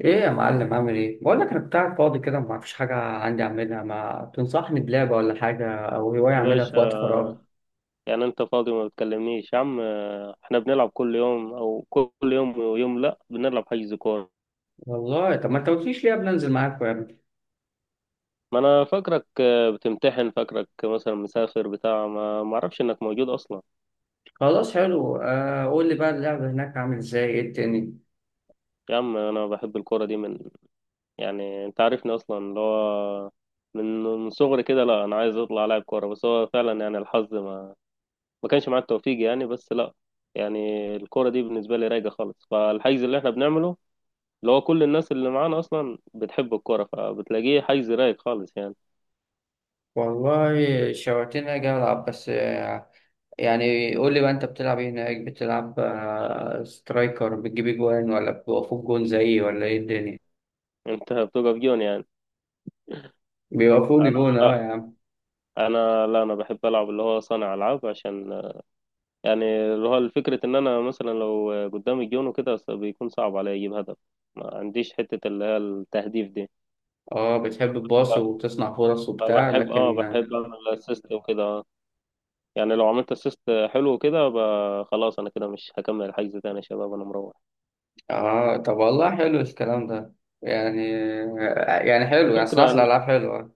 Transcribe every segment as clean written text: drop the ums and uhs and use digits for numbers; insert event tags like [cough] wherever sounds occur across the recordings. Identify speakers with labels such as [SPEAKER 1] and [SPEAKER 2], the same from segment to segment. [SPEAKER 1] ايه يا معلم، عامل ايه؟ بقول لك انا كنت قاعد فاضي كده، ما فيش حاجه عندي اعملها. ما تنصحني بلعبه ولا حاجه او هوايه
[SPEAKER 2] يا
[SPEAKER 1] اعملها في
[SPEAKER 2] باشا.
[SPEAKER 1] وقت فراغ؟
[SPEAKER 2] يعني انت فاضي وما بتكلمنيش يا عم؟ اه، احنا بنلعب كل يوم، او كل يوم ويوم لا، بنلعب حجز كورة.
[SPEAKER 1] والله طب ما انت قلتليش ليه قبل انزل معاك يا ابني؟
[SPEAKER 2] ما انا فاكرك، بتمتحن، فاكرك مثلا مسافر بتاع، ما اعرفش انك موجود اصلا.
[SPEAKER 1] خلاص حلو، آه قول لي بقى اللعبه هناك عامل ازاي؟ ايه التاني؟
[SPEAKER 2] يا عم انا بحب الكورة دي من. يعني انت عارفني اصلا، اللي هو، من صغري كده. لا، انا عايز اطلع لاعب كورة، بس هو فعلا يعني الحظ ما كانش معاه التوفيق يعني. بس لا، يعني الكورة دي بالنسبة لي رايقة خالص، فالحجز اللي احنا بنعمله، اللي هو كل الناس اللي معانا اصلا بتحب الكوره، فبتلاقيه حيز رايق خالص يعني.
[SPEAKER 1] والله شوقتني اجي العب، بس يعني قول لي بقى انت بتلعب ايه هناك؟ بتلعب سترايكر بتجيب جوان، ولا بيوقفوك جون زيي، ولا ايه الدنيا؟
[SPEAKER 2] انت بتقف جون يعني؟
[SPEAKER 1] بيوقفوني
[SPEAKER 2] انا
[SPEAKER 1] جون، اه
[SPEAKER 2] لا
[SPEAKER 1] يا عم.
[SPEAKER 2] انا لا انا بحب العب اللي هو صانع العاب، عشان يعني، اللي هو، الفكره ان انا مثلا لو قدامي جون وكده بيكون صعب عليا اجيب هدف، ما عنديش حته اللي هي التهديف دي.
[SPEAKER 1] اه بتحب الباص
[SPEAKER 2] لا،
[SPEAKER 1] وتصنع فرص
[SPEAKER 2] أنا
[SPEAKER 1] وبتاع،
[SPEAKER 2] بحب،
[SPEAKER 1] لكن
[SPEAKER 2] بحب اعمل اسيست وكده. آه. يعني لو عملت اسيست حلو كده. خلاص، انا كده مش هكمل الحجز تاني يا شباب، انا مروح.
[SPEAKER 1] اه طب والله حلو الكلام ده. يعني يعني حلو، يعني صناعة
[SPEAKER 2] الفكره
[SPEAKER 1] الألعاب حلوة.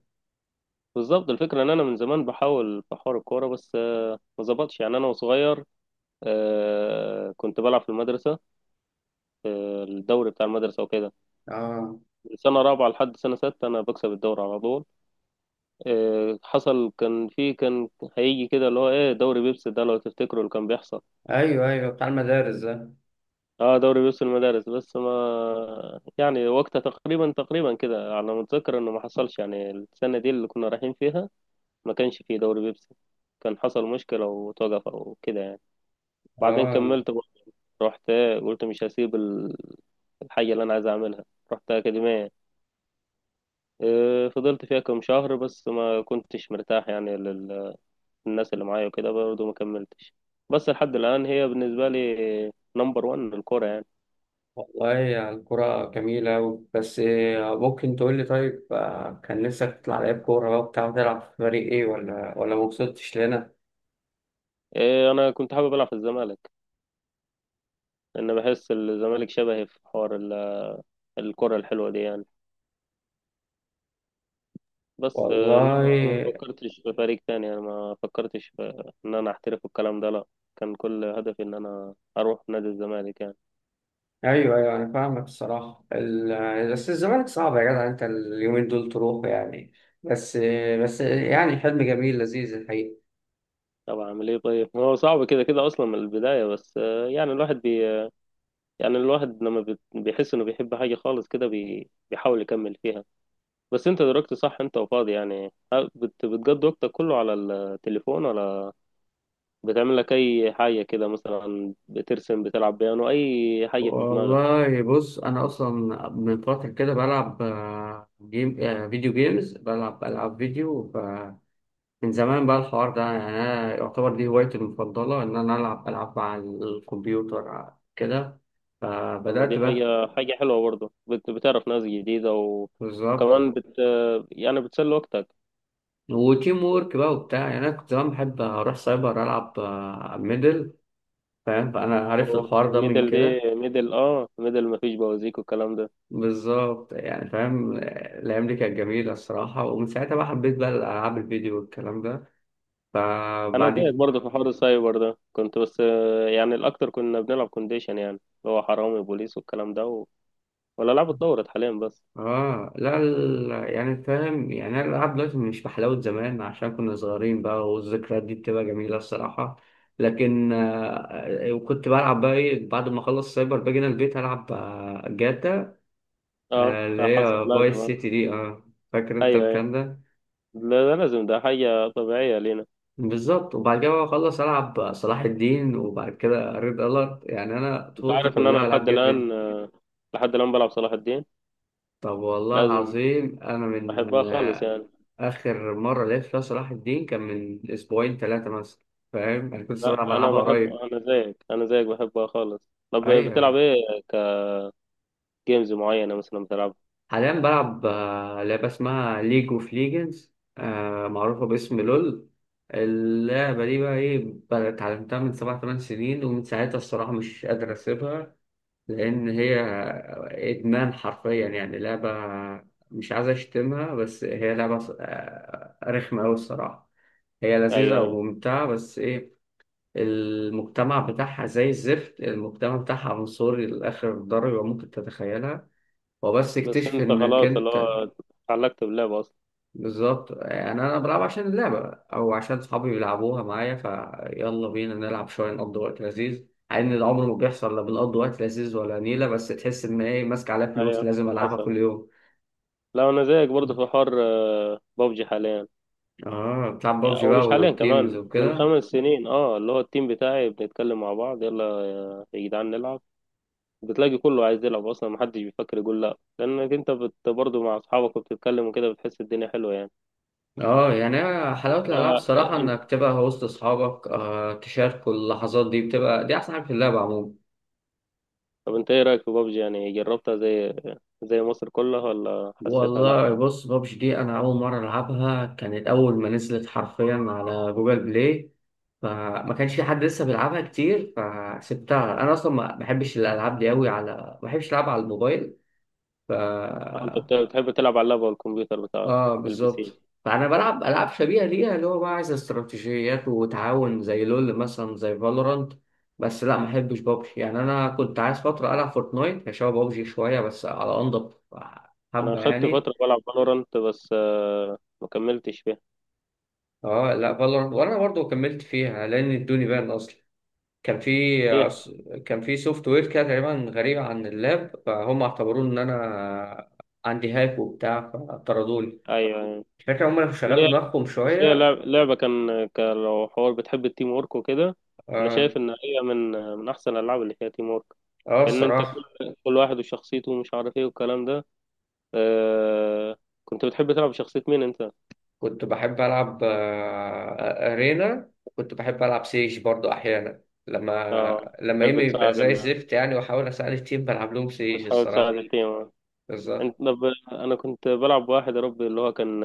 [SPEAKER 2] بالظبط، الفكرة إن أنا من زمان بحاول في حوار الكورة، بس ما ظبطش يعني. أنا وصغير، كنت بلعب في المدرسة، الدوري بتاع المدرسة وكده.
[SPEAKER 1] اه
[SPEAKER 2] من سنة رابعة لحد سنة ستة أنا بكسب الدوري على طول. حصل، كان هيجي كده اللي هو إيه، دوري بيبسي ده لو تفتكروا اللي كان بيحصل.
[SPEAKER 1] ايوه ايوه، بتاع المدارس ده.
[SPEAKER 2] أه، دوري بيبسي المدارس. بس ما يعني، وقتها تقريبا كده على ما أتذكر، إنه ما حصلش يعني السنة دي اللي كنا رايحين فيها، ما كانش فيه دوري بيبسي. كان حصل مشكلة وتوقف أو كده يعني. بعدين
[SPEAKER 1] اه
[SPEAKER 2] كملت برضه، رحت، قلت مش هسيب الحاجة اللي أنا عايز أعملها. رحت أكاديمية. إيه، فضلت فيها كم شهر بس ما كنتش مرتاح، يعني للناس اللي معايا وكده برضه، ما كملتش. بس لحد الآن هي بالنسبة لي نمبر وان الكورة يعني.
[SPEAKER 1] والله يعني الكرة جميلة أوي. بس ممكن تقول لي؟ طيب كان نفسك تطلع لعيب كورة بقى وبتاع، تلعب في فريق ايه، ولا ما وصلتش لنا؟
[SPEAKER 2] إيه، أنا كنت حابب ألعب في الزمالك، لأن بحس الزمالك شبهي في حوار الكرة الحلوة دي يعني. بس
[SPEAKER 1] والله
[SPEAKER 2] إنما ما فكرتش في فريق تاني، يعني ما فكرتش في إن أنا أحترف الكلام ده، لأ. كان كل هدفي إن أنا أروح نادي الزمالك يعني.
[SPEAKER 1] ايوه ايوه انا فاهمك الصراحة. بس الزمالك صعب يا جدع، انت اليومين دول تروح يعني، بس بس يعني حلم جميل لذيذ الحقيقة.
[SPEAKER 2] طب اعمل ايه طيب؟ ما هو صعب كده كده اصلا من البدايه. بس يعني الواحد يعني الواحد لما بيحس انه بيحب حاجه خالص كده، بيحاول يكمل فيها. بس انت دلوقتي صح، انت وفاضي يعني، بتقضي وقتك كله على التليفون، ولا بتعمل لك اي حاجه كده، مثلا بترسم، بتلعب بيانو، اي حاجه في دماغك؟
[SPEAKER 1] والله بص، انا اصلا من فتره كده بلعب جيم، فيديو جيمز، بلعب العاب فيديو. فمن زمان بقى الحوار ده، يعني انا يعتبر دي هوايتي المفضله، ان انا العب العاب على الكمبيوتر كده.
[SPEAKER 2] طب ما
[SPEAKER 1] فبدات
[SPEAKER 2] دي
[SPEAKER 1] بقى
[SPEAKER 2] حاجه، حلوه برضه، بتعرف ناس جديده
[SPEAKER 1] بالظبط.
[SPEAKER 2] وكمان يعني بتسلي وقتك.
[SPEAKER 1] وتيم وورك بقى وبتاع، يعني انا كنت زمان بحب اروح سايبر العب ميدل، فاهم؟ فانا عرفت الحوار ده من
[SPEAKER 2] ميدل دي،
[SPEAKER 1] كده.
[SPEAKER 2] ميدل، مفيش بوازيك والكلام ده.
[SPEAKER 1] بالظبط يعني فاهم. الأيام دي كانت جميلة الصراحة، ومن ساعتها بقى حبيت بقى الألعاب الفيديو والكلام ده.
[SPEAKER 2] انا
[SPEAKER 1] فبعد
[SPEAKER 2] زيك
[SPEAKER 1] كده
[SPEAKER 2] برضه في حوار السايبر ده. كنت، بس يعني الاكتر كنا بنلعب كونديشن، يعني اللي هو حرامي بوليس والكلام ده، ولا لعبة اتطورت حاليا بس.
[SPEAKER 1] اه لا، يعني فاهم، يعني انا الالعاب دلوقتي مش بحلاوه زمان عشان كنا صغيرين بقى، والذكريات دي بتبقى جميله الصراحه. لكن آه، وكنت بلعب بقى ايه بعد ما اخلص سايبر؟ باجي هنا البيت العب جاتا،
[SPEAKER 2] اه.
[SPEAKER 1] آه اللي
[SPEAKER 2] [laughs] حصل
[SPEAKER 1] هي
[SPEAKER 2] لازم.
[SPEAKER 1] فايس
[SPEAKER 2] آه.
[SPEAKER 1] سيتي دي، اه فاكر انت
[SPEAKER 2] ايوه، ايوه.
[SPEAKER 1] الكلام ده؟
[SPEAKER 2] لا، ده لازم، ده حاجة طبيعية لينا.
[SPEAKER 1] بالظبط. وبعد كده بقى اخلص العب صلاح الدين، وبعد كده ريد الارت. يعني انا
[SPEAKER 2] انت
[SPEAKER 1] طفولتي
[SPEAKER 2] عارف ان انا
[SPEAKER 1] كلها العاب جيم فيديو.
[SPEAKER 2] لحد الان بلعب صلاح الدين.
[SPEAKER 1] طب والله
[SPEAKER 2] لازم،
[SPEAKER 1] العظيم انا من
[SPEAKER 2] احبها خالص يعني.
[SPEAKER 1] آخر مرة لعبت فيها صلاح الدين كان من أسبوعين ثلاثة مثلا. فاهم، أنا كنت لسه بلعب
[SPEAKER 2] لا، انا
[SPEAKER 1] ألعابها
[SPEAKER 2] بحب،
[SPEAKER 1] قريب.
[SPEAKER 2] انا زيك، بحبها خالص. طب بتلعب
[SPEAKER 1] أيوة
[SPEAKER 2] ايه؟ كجيمز معينة مثلا بتلعب؟
[SPEAKER 1] حاليا بلعب لعبة اسمها ليج أوف ليجنز، معروفة باسم لول. اللعبة دي بقى إيه بقى، اتعلمتها من 7 8 سنين، ومن ساعتها الصراحة مش قادر أسيبها. لأن هي إدمان حرفيا، يعني لعبة مش عايز أشتمها، بس هي لعبة رخمة أوي الصراحة. هي
[SPEAKER 2] ايوه،
[SPEAKER 1] لذيذة
[SPEAKER 2] ايوه.
[SPEAKER 1] وممتعة بس إيه، المجتمع بتاعها زي الزفت. المجتمع بتاعها عنصري لآخر درجة ممكن تتخيلها. هو بس
[SPEAKER 2] بس
[SPEAKER 1] اكتشف
[SPEAKER 2] انت
[SPEAKER 1] انك
[SPEAKER 2] خلاص، اللي
[SPEAKER 1] انت
[SPEAKER 2] هو، اتعلقت باللعبة اصلا.
[SPEAKER 1] بالظبط. يعني انا بلعب عشان اللعبة، او عشان صحابي بيلعبوها معايا، فيلا بينا نلعب شوية نقضي وقت لذيذ. مع ان العمر ما بيحصل لا بنقضي وقت لذيذ ولا نيلة، بس تحس ان ايه ماسك عليها فلوس
[SPEAKER 2] ايوه،
[SPEAKER 1] لازم العبها
[SPEAKER 2] حصل.
[SPEAKER 1] كل يوم.
[SPEAKER 2] لا، انا زيك برضه في حوار بابجي حاليا.
[SPEAKER 1] اه بتلعب
[SPEAKER 2] يعني،
[SPEAKER 1] بابجي
[SPEAKER 2] او
[SPEAKER 1] بقى
[SPEAKER 2] مش حاليا،
[SPEAKER 1] وتيمز
[SPEAKER 2] كمان من
[SPEAKER 1] وكده.
[SPEAKER 2] 5 سنين. اه اللي هو التيم بتاعي، بنتكلم مع بعض، يلا يا جدعان نلعب. بتلاقي كله عايز يلعب اصلا، محدش بيفكر يقول لا، لانك انت برضه مع اصحابك وبتتكلم وكده، بتحس الدنيا حلوه يعني.
[SPEAKER 1] اه يعني أنا حلاوة
[SPEAKER 2] ف-
[SPEAKER 1] الألعاب الصراحة
[SPEAKER 2] انت
[SPEAKER 1] إنك تبقى وسط أصحابك، آه تشاركوا اللحظات دي، بتبقى دي أحسن حاجة في اللعبة عموما.
[SPEAKER 2] طب انت ايه رايك في بابجي؟ يعني جربتها زي مصر كلها، ولا حسيتها لا؟
[SPEAKER 1] والله بص، بابجي دي أنا أول مرة ألعبها كانت أول ما نزلت، حرفيا على جوجل بلاي. فما كانش في حد لسه بيلعبها كتير فسبتها. أنا أصلا ما بحبش الألعاب دي أوي، على ما بحبش ألعبها على الموبايل. ف
[SPEAKER 2] أو انت بتحب تلعب على اللاب والكمبيوتر بتاعك،
[SPEAKER 1] اه
[SPEAKER 2] البي سي؟
[SPEAKER 1] بالظبط فانا بلعب العاب شبيهه ليها، اللي هو بقى عايز استراتيجيات وتعاون، زي لول مثلا، زي فالورانت. بس لا ما احبش بابجي. يعني انا كنت عايز فتره العب فورتنايت، هي شبه بابجي شويه بس على انضف
[SPEAKER 2] انا
[SPEAKER 1] حبه
[SPEAKER 2] خدت
[SPEAKER 1] يعني.
[SPEAKER 2] فتره بلعب فالورانت، بس ما كملتش فيها.
[SPEAKER 1] اه لا، فالورانت وانا برضو كملت فيها لان ادوني بان اصلا. كان في
[SPEAKER 2] ليه؟
[SPEAKER 1] كان في سوفت وير كده تقريبا غريب عن اللاب، فهم اعتبروا ان انا عندي هاك وبتاع، فطردوني.
[SPEAKER 2] ايوه. أيوة.
[SPEAKER 1] الفكره هم اللي
[SPEAKER 2] إن
[SPEAKER 1] شغلوا
[SPEAKER 2] هي،
[SPEAKER 1] دماغهم
[SPEAKER 2] بس هي
[SPEAKER 1] شويه.
[SPEAKER 2] لعبة كان، لو حوار بتحب التيم وورك وكده، أنا
[SPEAKER 1] اه
[SPEAKER 2] شايف إن هي من أحسن الألعاب اللي فيها تيم وورك،
[SPEAKER 1] اه
[SPEAKER 2] لأن أنت
[SPEAKER 1] الصراحه،
[SPEAKER 2] كل واحد وشخصيته ومش عارف إيه والكلام ده. آه... كنت بتحب تلعب شخصية مين أنت؟
[SPEAKER 1] كنت بحب ألعب أرينا، وكنت بحب ألعب سيج برضو أحيانا،
[SPEAKER 2] أه،
[SPEAKER 1] لما
[SPEAKER 2] بتحب
[SPEAKER 1] إيمي يبقى
[SPEAKER 2] تساعد
[SPEAKER 1] زي الزفت يعني، وأحاول أساعد التيم بلعب لهم سيج
[SPEAKER 2] بتحاول تساعد
[SPEAKER 1] الصراحة.
[SPEAKER 2] التيم. آه. أنت
[SPEAKER 1] بالظبط
[SPEAKER 2] طب، أنا كنت بلعب بواحد، يا ربي اللي هو كان.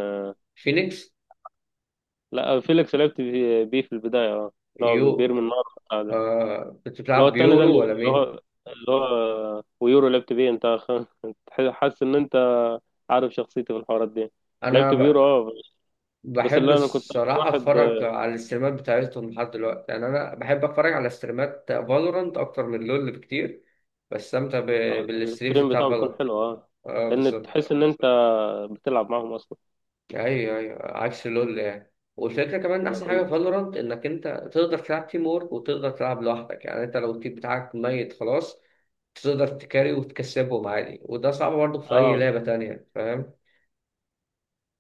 [SPEAKER 1] فينيكس،
[SPEAKER 2] لا، فيليكس، لعبت بيه، في البداية. أه. اللي هو
[SPEAKER 1] يو.
[SPEAKER 2] بيرمي النار،
[SPEAKER 1] آه... كنت
[SPEAKER 2] اللي هو
[SPEAKER 1] بتلعب
[SPEAKER 2] التاني ده،
[SPEAKER 1] بيورو ولا مين؟
[SPEAKER 2] اللي هو ويورو، لعبت بيه انت. [laughs] انت حاسس ان انت عارف شخصيتي في الحوارات دي؟
[SPEAKER 1] أنا
[SPEAKER 2] لعبت بيورو.
[SPEAKER 1] ب...
[SPEAKER 2] اه. بس
[SPEAKER 1] بحب
[SPEAKER 2] اللي انا كنت اكتر
[SPEAKER 1] الصراحة
[SPEAKER 2] واحد،
[SPEAKER 1] أتفرج على الاستريمات بتاعتهم لحد دلوقتي. يعني أنا بحب أتفرج على استريمات فالورانت أكتر من لول بكتير. بستمتع ب... بالستريمز
[SPEAKER 2] الستريم
[SPEAKER 1] بتاع
[SPEAKER 2] بتاعه بيكون
[SPEAKER 1] فالورانت،
[SPEAKER 2] حلو. اه.
[SPEAKER 1] آه
[SPEAKER 2] لان
[SPEAKER 1] بالظبط.
[SPEAKER 2] تحس ان انت بتلعب معاهم اصلا.
[SPEAKER 1] ايوه ايوه عكس لول يعني. والفكره كمان إن
[SPEAKER 2] انا
[SPEAKER 1] احسن حاجه
[SPEAKER 2] كنت.
[SPEAKER 1] في فالورانت، انك انت تقدر تلعب تيم وورك وتقدر تلعب لوحدك. يعني انت لو التيم بتاعك ميت خلاص، تقدر تكاري وتكسبهم عادي، وده صعب برضه في اي
[SPEAKER 2] اه
[SPEAKER 1] لعبه تانية، فاهم؟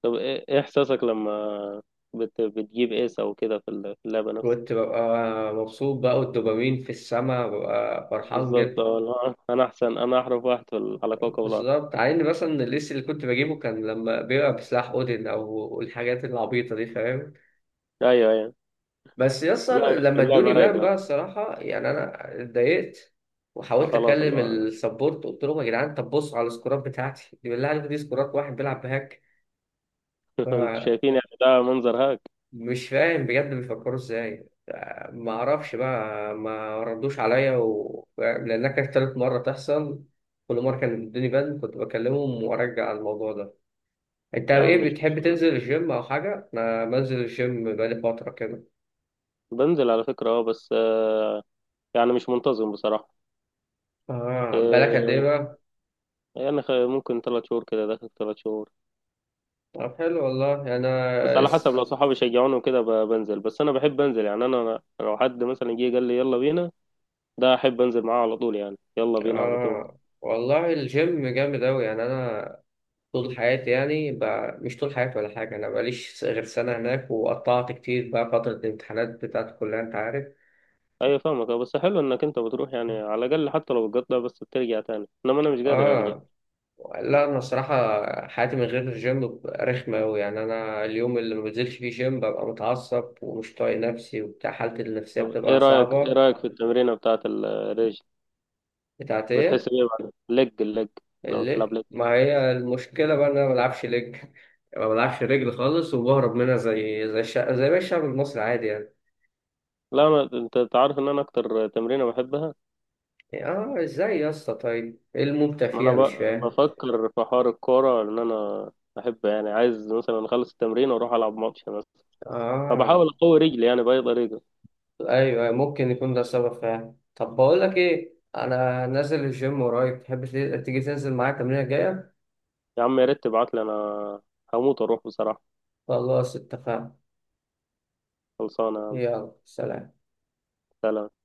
[SPEAKER 2] طب ايه، احساسك لما بتجيب ايس او كده في في اللعبه نفسها؟
[SPEAKER 1] كنت ببقى مبسوط بقى، والدوبامين في السما، ببقى فرحان
[SPEAKER 2] بالظبط.
[SPEAKER 1] جدا.
[SPEAKER 2] اه، لا، انا احسن، انا احرف واحد على كوكب الارض.
[SPEAKER 1] بالظبط، عين مثلا الليست اللي كنت بجيبه كان لما بيبقى بسلاح اودين او الحاجات العبيطه دي، فاهم؟
[SPEAKER 2] ايوه، ايوه.
[SPEAKER 1] بس يسطا
[SPEAKER 2] لا،
[SPEAKER 1] لما
[SPEAKER 2] اللعبه
[SPEAKER 1] ادوني بان
[SPEAKER 2] رايقه.
[SPEAKER 1] بقى الصراحة، يعني أنا اتضايقت. وحاولت
[SPEAKER 2] فخلاص،
[SPEAKER 1] أكلم
[SPEAKER 2] الله.
[SPEAKER 1] السبورت، قلت لهم يا جدعان طب بصوا على السكورات بتاعتي دي، بالله عليكم دي سكورات واحد بيلعب بهاك.
[SPEAKER 2] [laughs] انتوا شايفين يعني ده منظر هاك؟
[SPEAKER 1] فمش فاهم بجد بيفكروا إزاي. ما أعرفش بقى، ما ردوش عليا لأنها كانت تالت مرة تحصل، كل مرة كان بيدوني بان كنت بكلمهم وأرجع على الموضوع ده. أنت
[SPEAKER 2] يا عم
[SPEAKER 1] إيه،
[SPEAKER 2] مش
[SPEAKER 1] بتحب
[SPEAKER 2] مشكلة،
[SPEAKER 1] تنزل الجيم أو حاجة؟ أنا بنزل الجيم بقالي فترة كده.
[SPEAKER 2] بنزل على فكرة. اه بس يعني مش منتظم بصراحة.
[SPEAKER 1] آه بالك قد إيه
[SPEAKER 2] آه،
[SPEAKER 1] بقى؟
[SPEAKER 2] يعني ممكن 3 شهور كده داخل 3 شهور.
[SPEAKER 1] طب حلو والله،
[SPEAKER 2] بس على حسب، لو صحابي شجعوني وكده بنزل. بس أنا بحب أنزل، يعني أنا لو حد مثلا جه قال لي يلا بينا، ده أحب أنزل معاه على طول، يعني يلا بينا على طول.
[SPEAKER 1] آه والله الجيم جامد اوي. يعني انا طول حياتي مش طول حياتي ولا حاجه، انا بقاليش غير سنه هناك، وقطعت كتير بقى فتره الامتحانات بتاعت الكليه، انت عارف.
[SPEAKER 2] أيوة فاهمك. اه، بس حلو إنك أنت بتروح، يعني على الأقل حتى لو بتقطع بس بترجع تاني، إنما أنا مش قادر أرجع.
[SPEAKER 1] اه لا انا الصراحه حياتي من غير الجيم بتبقى رخمه اوي. يعني انا اليوم اللي ما بنزلش فيه جيم ببقى متعصب ومش طايق نفسي وبتاع، حالتي النفسيه
[SPEAKER 2] طب إيه
[SPEAKER 1] بتبقى
[SPEAKER 2] رأيك،
[SPEAKER 1] صعبه.
[SPEAKER 2] في التمرينة بتاعة الرجل؟
[SPEAKER 1] بتاعت
[SPEAKER 2] بتحس
[SPEAKER 1] ايه؟
[SPEAKER 2] بإيه بعد اللج، لو بتلعب؟
[SPEAKER 1] الليج، ما هي المشكلة بقى إن أنا ما بلعبش ليج، ما بلعبش رجل خالص، وبهرب منها زي الشعب زي باقي الشعب المصري عادي يعني.
[SPEAKER 2] لا، أنا، أنت عارف إن أنا أكتر تمرينة بحبها.
[SPEAKER 1] آه إزاي يا اسطى؟ طيب إيه الممتع
[SPEAKER 2] ما أنا
[SPEAKER 1] فيها مش فاهم.
[SPEAKER 2] بفكر في حوار الكورة، إن أنا أحب، يعني عايز مثلا أخلص التمرين وأروح ألعب ماتش مثلا، فبحاول
[SPEAKER 1] آه
[SPEAKER 2] أقوي رجلي يعني بأي طريقة.
[SPEAKER 1] أيوه ممكن يكون ده سبب فعلا. طب بقول لك إيه، أنا نازل الجيم ورايك تحب تيجي تنزل معايا التمرينة الجاية؟
[SPEAKER 2] يا عم يا ريت تبعتلي، أنا هموت أروح بصراحة.
[SPEAKER 1] خلاص اتفقنا.
[SPEAKER 2] خلصانة يا عم.
[SPEAKER 1] يلا سلام.
[SPEAKER 2] سلام.